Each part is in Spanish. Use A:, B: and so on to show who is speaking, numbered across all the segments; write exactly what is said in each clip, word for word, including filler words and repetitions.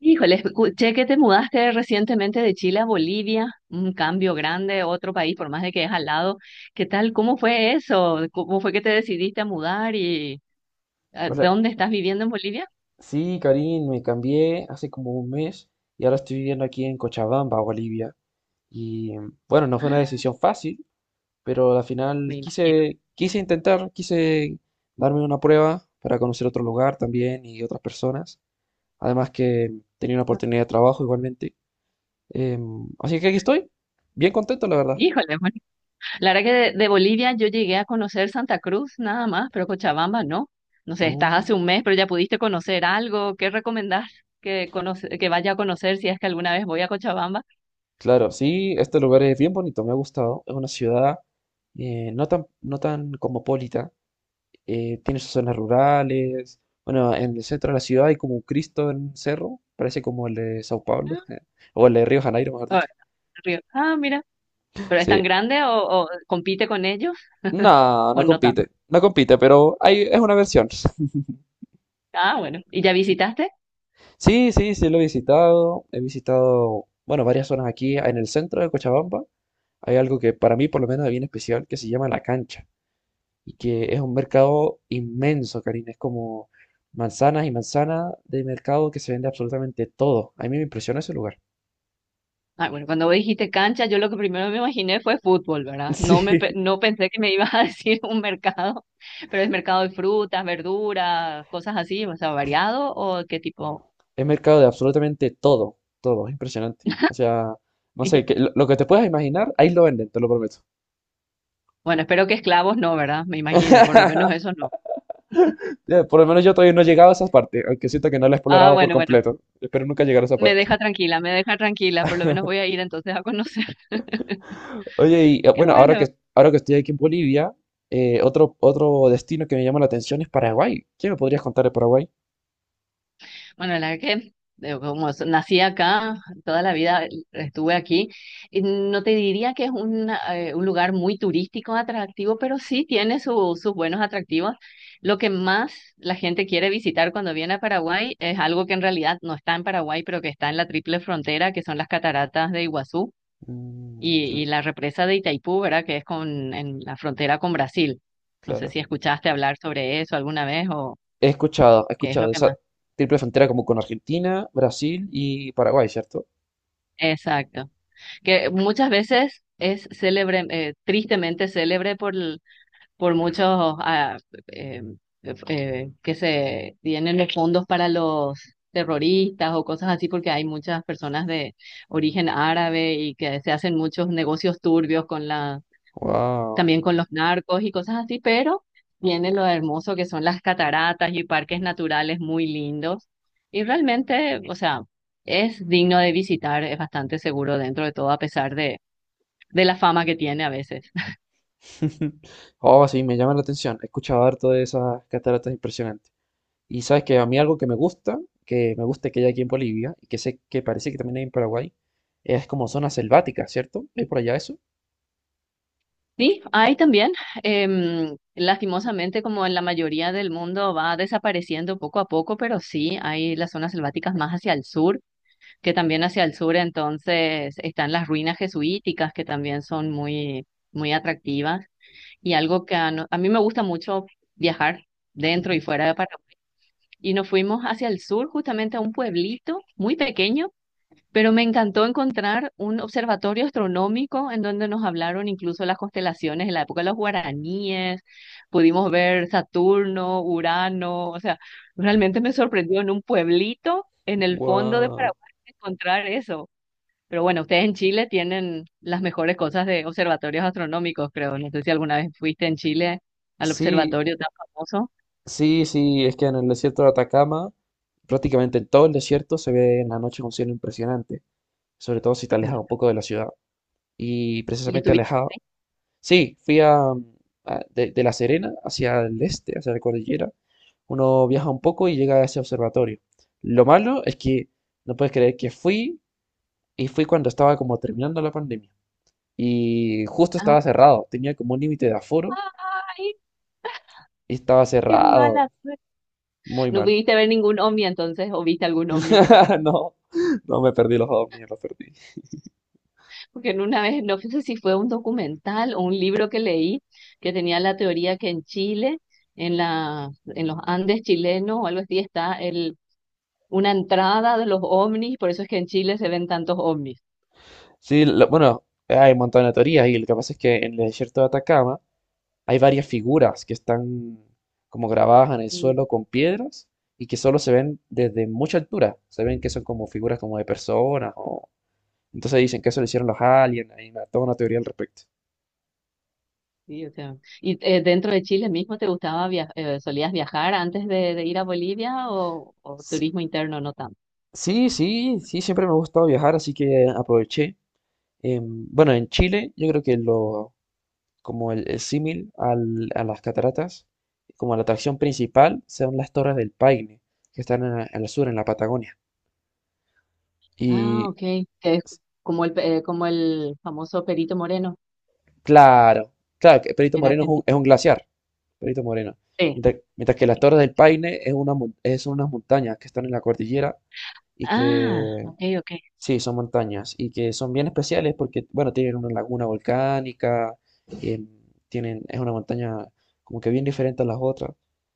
A: Híjole, escuché que te mudaste recientemente de Chile a Bolivia, un cambio grande, otro país, por más de que es al lado. ¿Qué tal? ¿Cómo fue eso? ¿Cómo fue que te decidiste a mudar y ah,
B: O sea,
A: dónde estás viviendo en Bolivia?
B: sí, Karim, me cambié hace como un mes y ahora estoy viviendo aquí en Cochabamba, Bolivia. Y bueno, no fue una
A: Ah,
B: decisión fácil, pero al
A: me
B: final
A: imagino.
B: quise, quise intentar, quise darme una prueba para conocer otro lugar también y otras personas. Además que tenía una oportunidad de trabajo igualmente. Em, así que aquí estoy, bien contento, la verdad.
A: Híjole, bueno, la verdad que de, de Bolivia yo llegué a conocer Santa Cruz nada más, pero Cochabamba no. No sé, estás
B: Oh,
A: hace un mes, pero ya pudiste conocer algo. ¿Qué recomendás que, conoce- que vaya a conocer si es que alguna vez voy a Cochabamba?
B: claro, sí, este lugar es bien bonito, me ha gustado. Es una ciudad eh, no tan, no tan cosmopolita, eh, tiene sus zonas rurales. Bueno, en el centro de la ciudad hay como un Cristo en un cerro, parece como el de Sao Paulo,
A: Ah,
B: o el de Río Janeiro, mejor
A: ah,
B: dicho.
A: Río. Ah, mira. ¿Pero es tan
B: Sí.
A: grande o, o compite con ellos
B: No,
A: o
B: no
A: no tanto?
B: compite, no compite, pero hay, es una versión.
A: Ah, bueno. ¿Y ya visitaste?
B: Sí, sí, sí, lo he visitado. He visitado, bueno, varias zonas aquí en el centro de Cochabamba. Hay algo que para mí por lo menos es bien especial que se llama La Cancha y que es un mercado inmenso, Karina. Es como manzanas y manzanas de mercado que se vende absolutamente todo. A mí me impresiona ese lugar.
A: Ah, bueno, cuando vos dijiste cancha, yo lo que primero me imaginé fue fútbol, ¿verdad?
B: Sí,
A: No me pe- no pensé que me ibas a decir un mercado, pero es mercado de frutas, verduras, cosas así, o sea, variado o qué tipo.
B: es mercado de absolutamente todo, todo, es impresionante. O sea, no sé, que, lo, lo que te puedas imaginar, ahí lo venden, te lo prometo.
A: Bueno, espero que esclavos no, ¿verdad? Me imagino, por lo menos eso no.
B: Ya. Por lo menos yo todavía no he llegado a esa parte, aunque siento que no la he
A: Ah,
B: explorado por
A: bueno, bueno,
B: completo. Espero nunca llegar a esa
A: me
B: parte.
A: deja tranquila, me deja tranquila, por lo menos voy a ir entonces a conocer.
B: Oye, y eh,
A: Qué
B: bueno, ahora
A: bueno.
B: que, ahora que estoy aquí en Bolivia, eh, otro, otro destino que me llama la atención es Paraguay. ¿Qué me podrías contar de Paraguay?
A: Bueno, la verdad que eh, como s- nací acá, toda la vida estuve aquí, y no te diría que es un, eh, un lugar muy turístico atractivo, pero sí tiene su- sus buenos atractivos. Lo que más la gente quiere visitar cuando viene a Paraguay es algo que en realidad no está en Paraguay, pero que está en la triple frontera, que son las cataratas de Iguazú
B: Mm,
A: y, y
B: chale,
A: la represa de Itaipú, ¿verdad? Que es con, en la frontera con Brasil. No sé si
B: claro.
A: escuchaste hablar sobre eso alguna vez o
B: He escuchado, he
A: qué es
B: escuchado
A: lo
B: de
A: que más.
B: esa triple frontera como con Argentina, Brasil y Paraguay, ¿cierto?
A: Exacto. Que muchas veces es célebre, eh, tristemente célebre por, el- por muchos ah, eh, eh, que se tienen los fondos para los terroristas o cosas así, porque hay muchas personas de origen árabe y que se hacen muchos negocios turbios con la,
B: Wow.
A: también con los narcos y cosas así, pero tiene lo hermoso que son las cataratas y parques naturales muy lindos. Y realmente, o sea, es digno de visitar, es bastante seguro dentro de todo, a pesar de de la fama que tiene a veces.
B: Oh, sí, me llama la atención. He escuchado harto de esas cataratas impresionantes. Y sabes que a mí algo que me gusta, que me gusta que hay aquí en Bolivia, y que sé que parece que también hay en Paraguay, es como zona selvática, ¿cierto? ¿Hay por allá eso?
A: Sí, hay también, em, lastimosamente, como en la mayoría del mundo, va desapareciendo poco a poco, pero sí hay las zonas selváticas más hacia el sur, que también hacia el sur entonces están las ruinas jesuíticas, que también son muy, muy atractivas. Y algo que a, no- a mí me gusta mucho viajar dentro y
B: Ujú.
A: fuera de Paraguay. Y nos fuimos hacia el sur, justamente a un pueblito muy pequeño. Pero me encantó encontrar un observatorio astronómico en donde nos hablaron incluso las constelaciones en la época de los guaraníes, pudimos ver Saturno, Urano, o sea, realmente me sorprendió en un pueblito en el fondo de
B: Wow.
A: Paraguay encontrar eso. Pero bueno, ustedes en Chile tienen las mejores cosas de observatorios astronómicos, creo. No sé si alguna vez fuiste en Chile al
B: Sí,
A: observatorio tan famoso
B: sí, sí, es que en el desierto de Atacama, prácticamente en todo el desierto se ve en la noche un cielo impresionante, sobre todo si te alejas un poco de la ciudad. Y
A: y
B: precisamente
A: estuviste
B: alejado,
A: ahí.
B: sí, fui a, a- de, de La Serena hacia el este, hacia la cordillera. Uno viaja un poco y llega a ese observatorio. Lo malo es que no puedes creer que fui y fui cuando estaba como terminando la pandemia. Y justo
A: Ah,
B: estaba cerrado, tenía como un límite de aforo
A: ¡ay,
B: y estaba
A: qué mala!
B: cerrado. Muy
A: No
B: mal.
A: pudiste ver ningún ovni entonces, o viste algún ovni.
B: No, no me perdí los ovnis, los perdí.
A: Porque en una vez, no sé si fue un documental o un libro que leí, que tenía la teoría que en Chile, en la, en los Andes chilenos o algo así, está el, una entrada de los ovnis, por eso es que en Chile se ven tantos ovnis.
B: Sí, lo- bueno, hay un montón de teorías y lo que pasa es que en el desierto de Atacama hay varias figuras que están como grabadas en el
A: Sí,
B: suelo con piedras y que solo se ven desde mucha altura. Se ven que son como figuras como de personas o, entonces dicen que eso lo hicieron los aliens, hay una- toda una teoría al respecto.
A: sí, o sea, ¿y eh, dentro de Chile mismo te gustaba viajar, solías viajar antes de, de ir a Bolivia o, o
B: Sí,
A: turismo interno no tanto?
B: sí, sí, sí, siempre me ha gustado viajar, así que aproveché. Em, bueno, en Chile yo creo que lo, como el, el símil al- a las cataratas, como la atracción principal, son las Torres del Paine, que están en- al sur, en la Patagonia.
A: Ah,
B: Y
A: ok, que es
B: s-
A: como el, pe- eh, como el famoso Perito Moreno
B: claro, claro, que Perito
A: en
B: Moreno es un,
A: Argentina.
B: es un glaciar, Perito Moreno.
A: Sí.
B: Mientras, mientras que las Torres del Paine es una, mon- es unas montañas que están en la cordillera y
A: Ah,
B: que
A: ok, ok.
B: sí, son montañas y que son bien especiales porque, bueno, tienen una laguna volcánica, em, tienen, es una montaña como que bien diferente a las otras,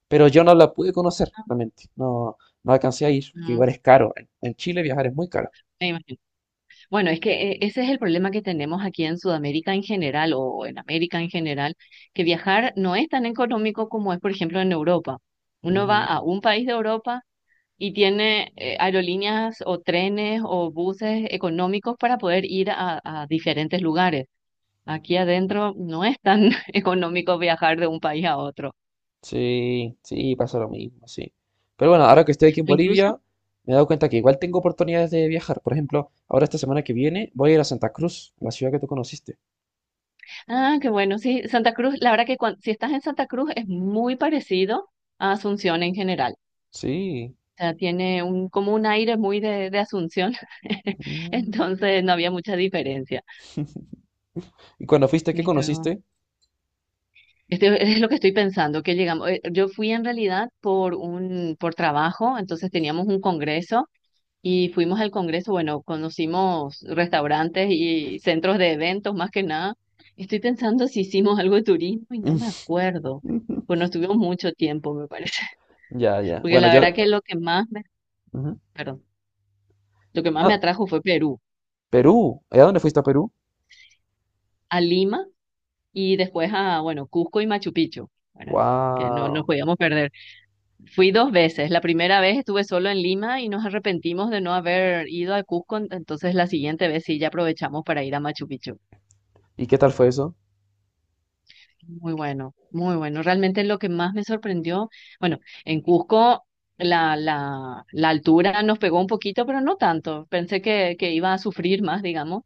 B: pero yo no la pude conocer realmente, no, no alcancé a ir porque
A: Mm,
B: igual es caro, en, en Chile viajar es muy caro.
A: me imagino. Bueno, es que eh, ese es el problema que tenemos aquí en Sudamérica en general o en América en general, que viajar no es tan económico como es, por ejemplo, en Europa. Uno va
B: Ujú.
A: a un país de Europa y tiene eh, aerolíneas o trenes o buses económicos para poder ir a, a diferentes lugares. Aquí adentro no es tan económico viajar de un país a otro.
B: Sí, sí, pasa lo mismo, sí. Pero bueno, ahora que estoy aquí en
A: O incluso.
B: Bolivia, me he dado cuenta que igual tengo oportunidades de viajar. Por ejemplo, ahora esta semana que viene voy a ir a Santa Cruz, la ciudad que tú conociste.
A: Ah, qué bueno, sí, Santa Cruz, la verdad que cuan- si estás en Santa Cruz es muy parecido a Asunción en general. O
B: Sí.
A: sea, tiene un, como un aire muy de, de Asunción,
B: Mm.
A: entonces no había mucha diferencia.
B: ¿Y cuando fuiste, qué
A: Esto,
B: conociste?
A: esto es lo que estoy pensando, que llegamos, eh, yo fui en realidad por un, por trabajo, entonces teníamos un congreso. Y fuimos al congreso, bueno, conocimos restaurantes y centros de eventos más que nada. Estoy pensando si hicimos algo de turismo y no me acuerdo.
B: Ujú.
A: Pues no estuvimos mucho tiempo, me parece.
B: Ya, ya.
A: Porque
B: Bueno,
A: la
B: yo...
A: verdad que lo que más me,
B: Ujú.
A: perdón, lo que más me
B: Ah,
A: atrajo fue Perú,
B: Perú. ¿Y a dónde fuiste a Perú?
A: a Lima y después a, bueno, Cusco y Machu Picchu, ¿verdad? Que no nos
B: Wow.
A: podíamos perder. Fui dos veces. La primera vez estuve solo en Lima y nos arrepentimos de no haber ido a Cusco, entonces la siguiente vez sí ya aprovechamos para ir a Machu Picchu.
B: ¿Y qué tal fue eso?
A: Muy bueno, muy bueno. Realmente lo que más me sorprendió, bueno, en Cusco la, la, la altura nos pegó un poquito, pero no tanto. Pensé que, que iba a sufrir más, digamos,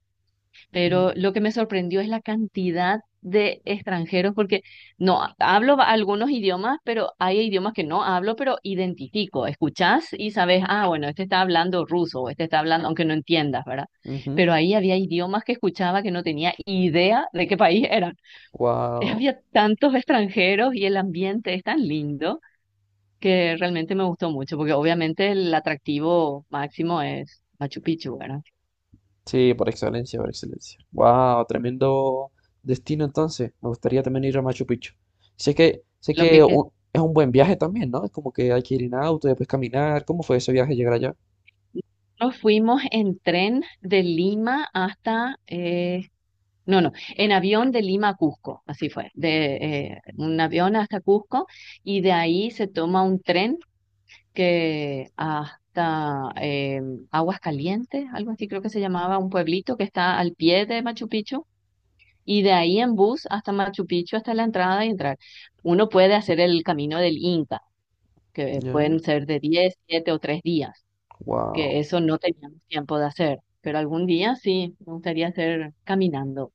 B: Ujú,
A: pero lo que me sorprendió es la cantidad de extranjeros, porque no hablo ba- algunos idiomas, pero hay idiomas que no hablo, pero identifico, escuchás y sabes, ah, bueno, este está hablando ruso, o este está hablando, aunque no entiendas, ¿verdad?
B: ujú.
A: Pero ahí había idiomas que escuchaba que no tenía idea de qué país era. Eh,
B: Wow.
A: había tantos extranjeros y el ambiente es tan lindo que realmente me gustó mucho, porque obviamente el atractivo máximo es Machu Picchu, ¿verdad?
B: Sí, por excelencia, por excelencia. Wow, tremendo destino entonces. Me gustaría también ir a Machu Picchu. Sé que, sé
A: Lo que,
B: que
A: que
B: u- es un buen viaje también, ¿no? Es como que hay que ir en auto y después caminar. ¿Cómo fue ese viaje llegar allá?
A: nos fuimos en tren de Lima hasta, eh, no, no, en avión de Lima a Cusco, así fue, de eh, un avión hasta Cusco y de ahí se toma un tren que hasta eh, Aguas Calientes, algo así creo que se llamaba, un pueblito que está al pie de Machu Picchu. Y de ahí en bus hasta Machu Picchu, hasta la entrada y entrar. Uno puede hacer el camino del Inca, que
B: Ya.
A: pueden ser de diez siete o tres días,
B: Wow.
A: que eso no teníamos tiempo de hacer. Pero algún día sí, me gustaría hacer caminando.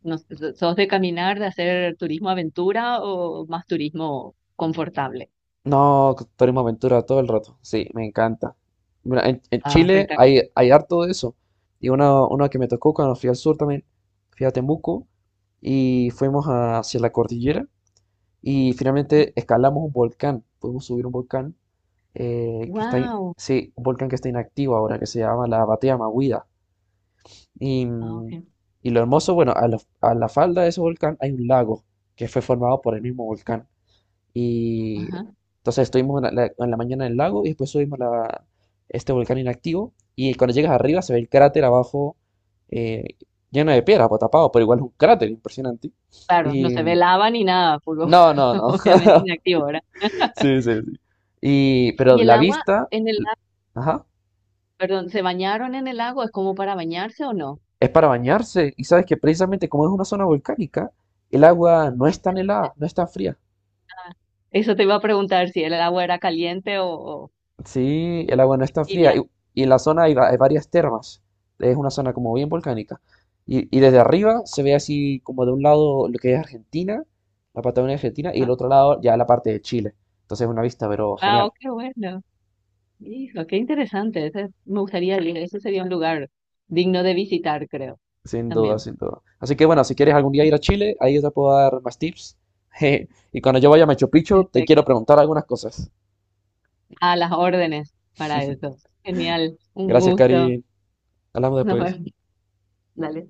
A: No sé, so- ¿sos de caminar, de hacer turismo aventura o más turismo confortable?
B: No, Turismo Aventura todo el rato. Sí, me encanta. Mira, en, en
A: Ah,
B: Chile
A: Freita.
B: hay, hay harto de eso. Y una, una que me tocó cuando fui al sur también, fui a Temuco y fuimos a- hacia la cordillera y finalmente escalamos un volcán. Pudimos subir un volcán eh, que está, in-
A: Wow.
B: sí, un volcán que está inactivo ahora, que se llama la Batea Mahuida. Y,
A: Ah,
B: mm,
A: ok.
B: y lo hermoso, bueno, a la, a la falda de ese volcán hay un lago que fue formado por el mismo volcán. Y
A: Ajá.
B: entonces estuvimos en la, la- en la mañana en el lago y después subimos la, este volcán inactivo. Y cuando llegas arriba se ve el cráter abajo eh, lleno de piedra, pues, tapado, pero igual es un cráter impresionante.
A: Claro, no
B: Y
A: se ve lava ni nada, porque
B: no, no,
A: obviamente
B: no.
A: inactivo, ¿verdad?
B: Sí, sí, sí. Y, pero
A: Y el
B: la
A: agua,
B: vista,
A: en.
B: l- ajá,
A: Perdón, ¿se bañaron en el agua? ¿Es como para bañarse o no?
B: es para bañarse. Y sabes que precisamente como es una zona volcánica, el agua no es tan helada, no es tan fría.
A: Eso te iba a preguntar si el agua era caliente o, o
B: Sí, el agua no está fría.
A: tibia.
B: Y, y en la zona hay, va- hay varias termas. Es una zona como bien volcánica. Y, y desde arriba se ve así como de un lado lo que es Argentina, la Patagonia Argentina, y el
A: Ajá.
B: otro lado ya la parte de Chile. Entonces es una vista, pero
A: Ah, oh,
B: genial.
A: qué bueno. Hijo, qué interesante. Ese- me gustaría ir. Eso sería un lugar digno de visitar, creo.
B: Sin duda,
A: También.
B: sin duda. Así que bueno, si quieres algún día ir a Chile, ahí yo te puedo dar más tips. Y cuando yo vaya a Machu Picchu, te quiero
A: Perfecto.
B: preguntar algunas cosas.
A: A las órdenes para eso. Genial. Un
B: Gracias,
A: gusto.
B: Karin. Hablamos
A: Nos
B: después.
A: vemos. Dale.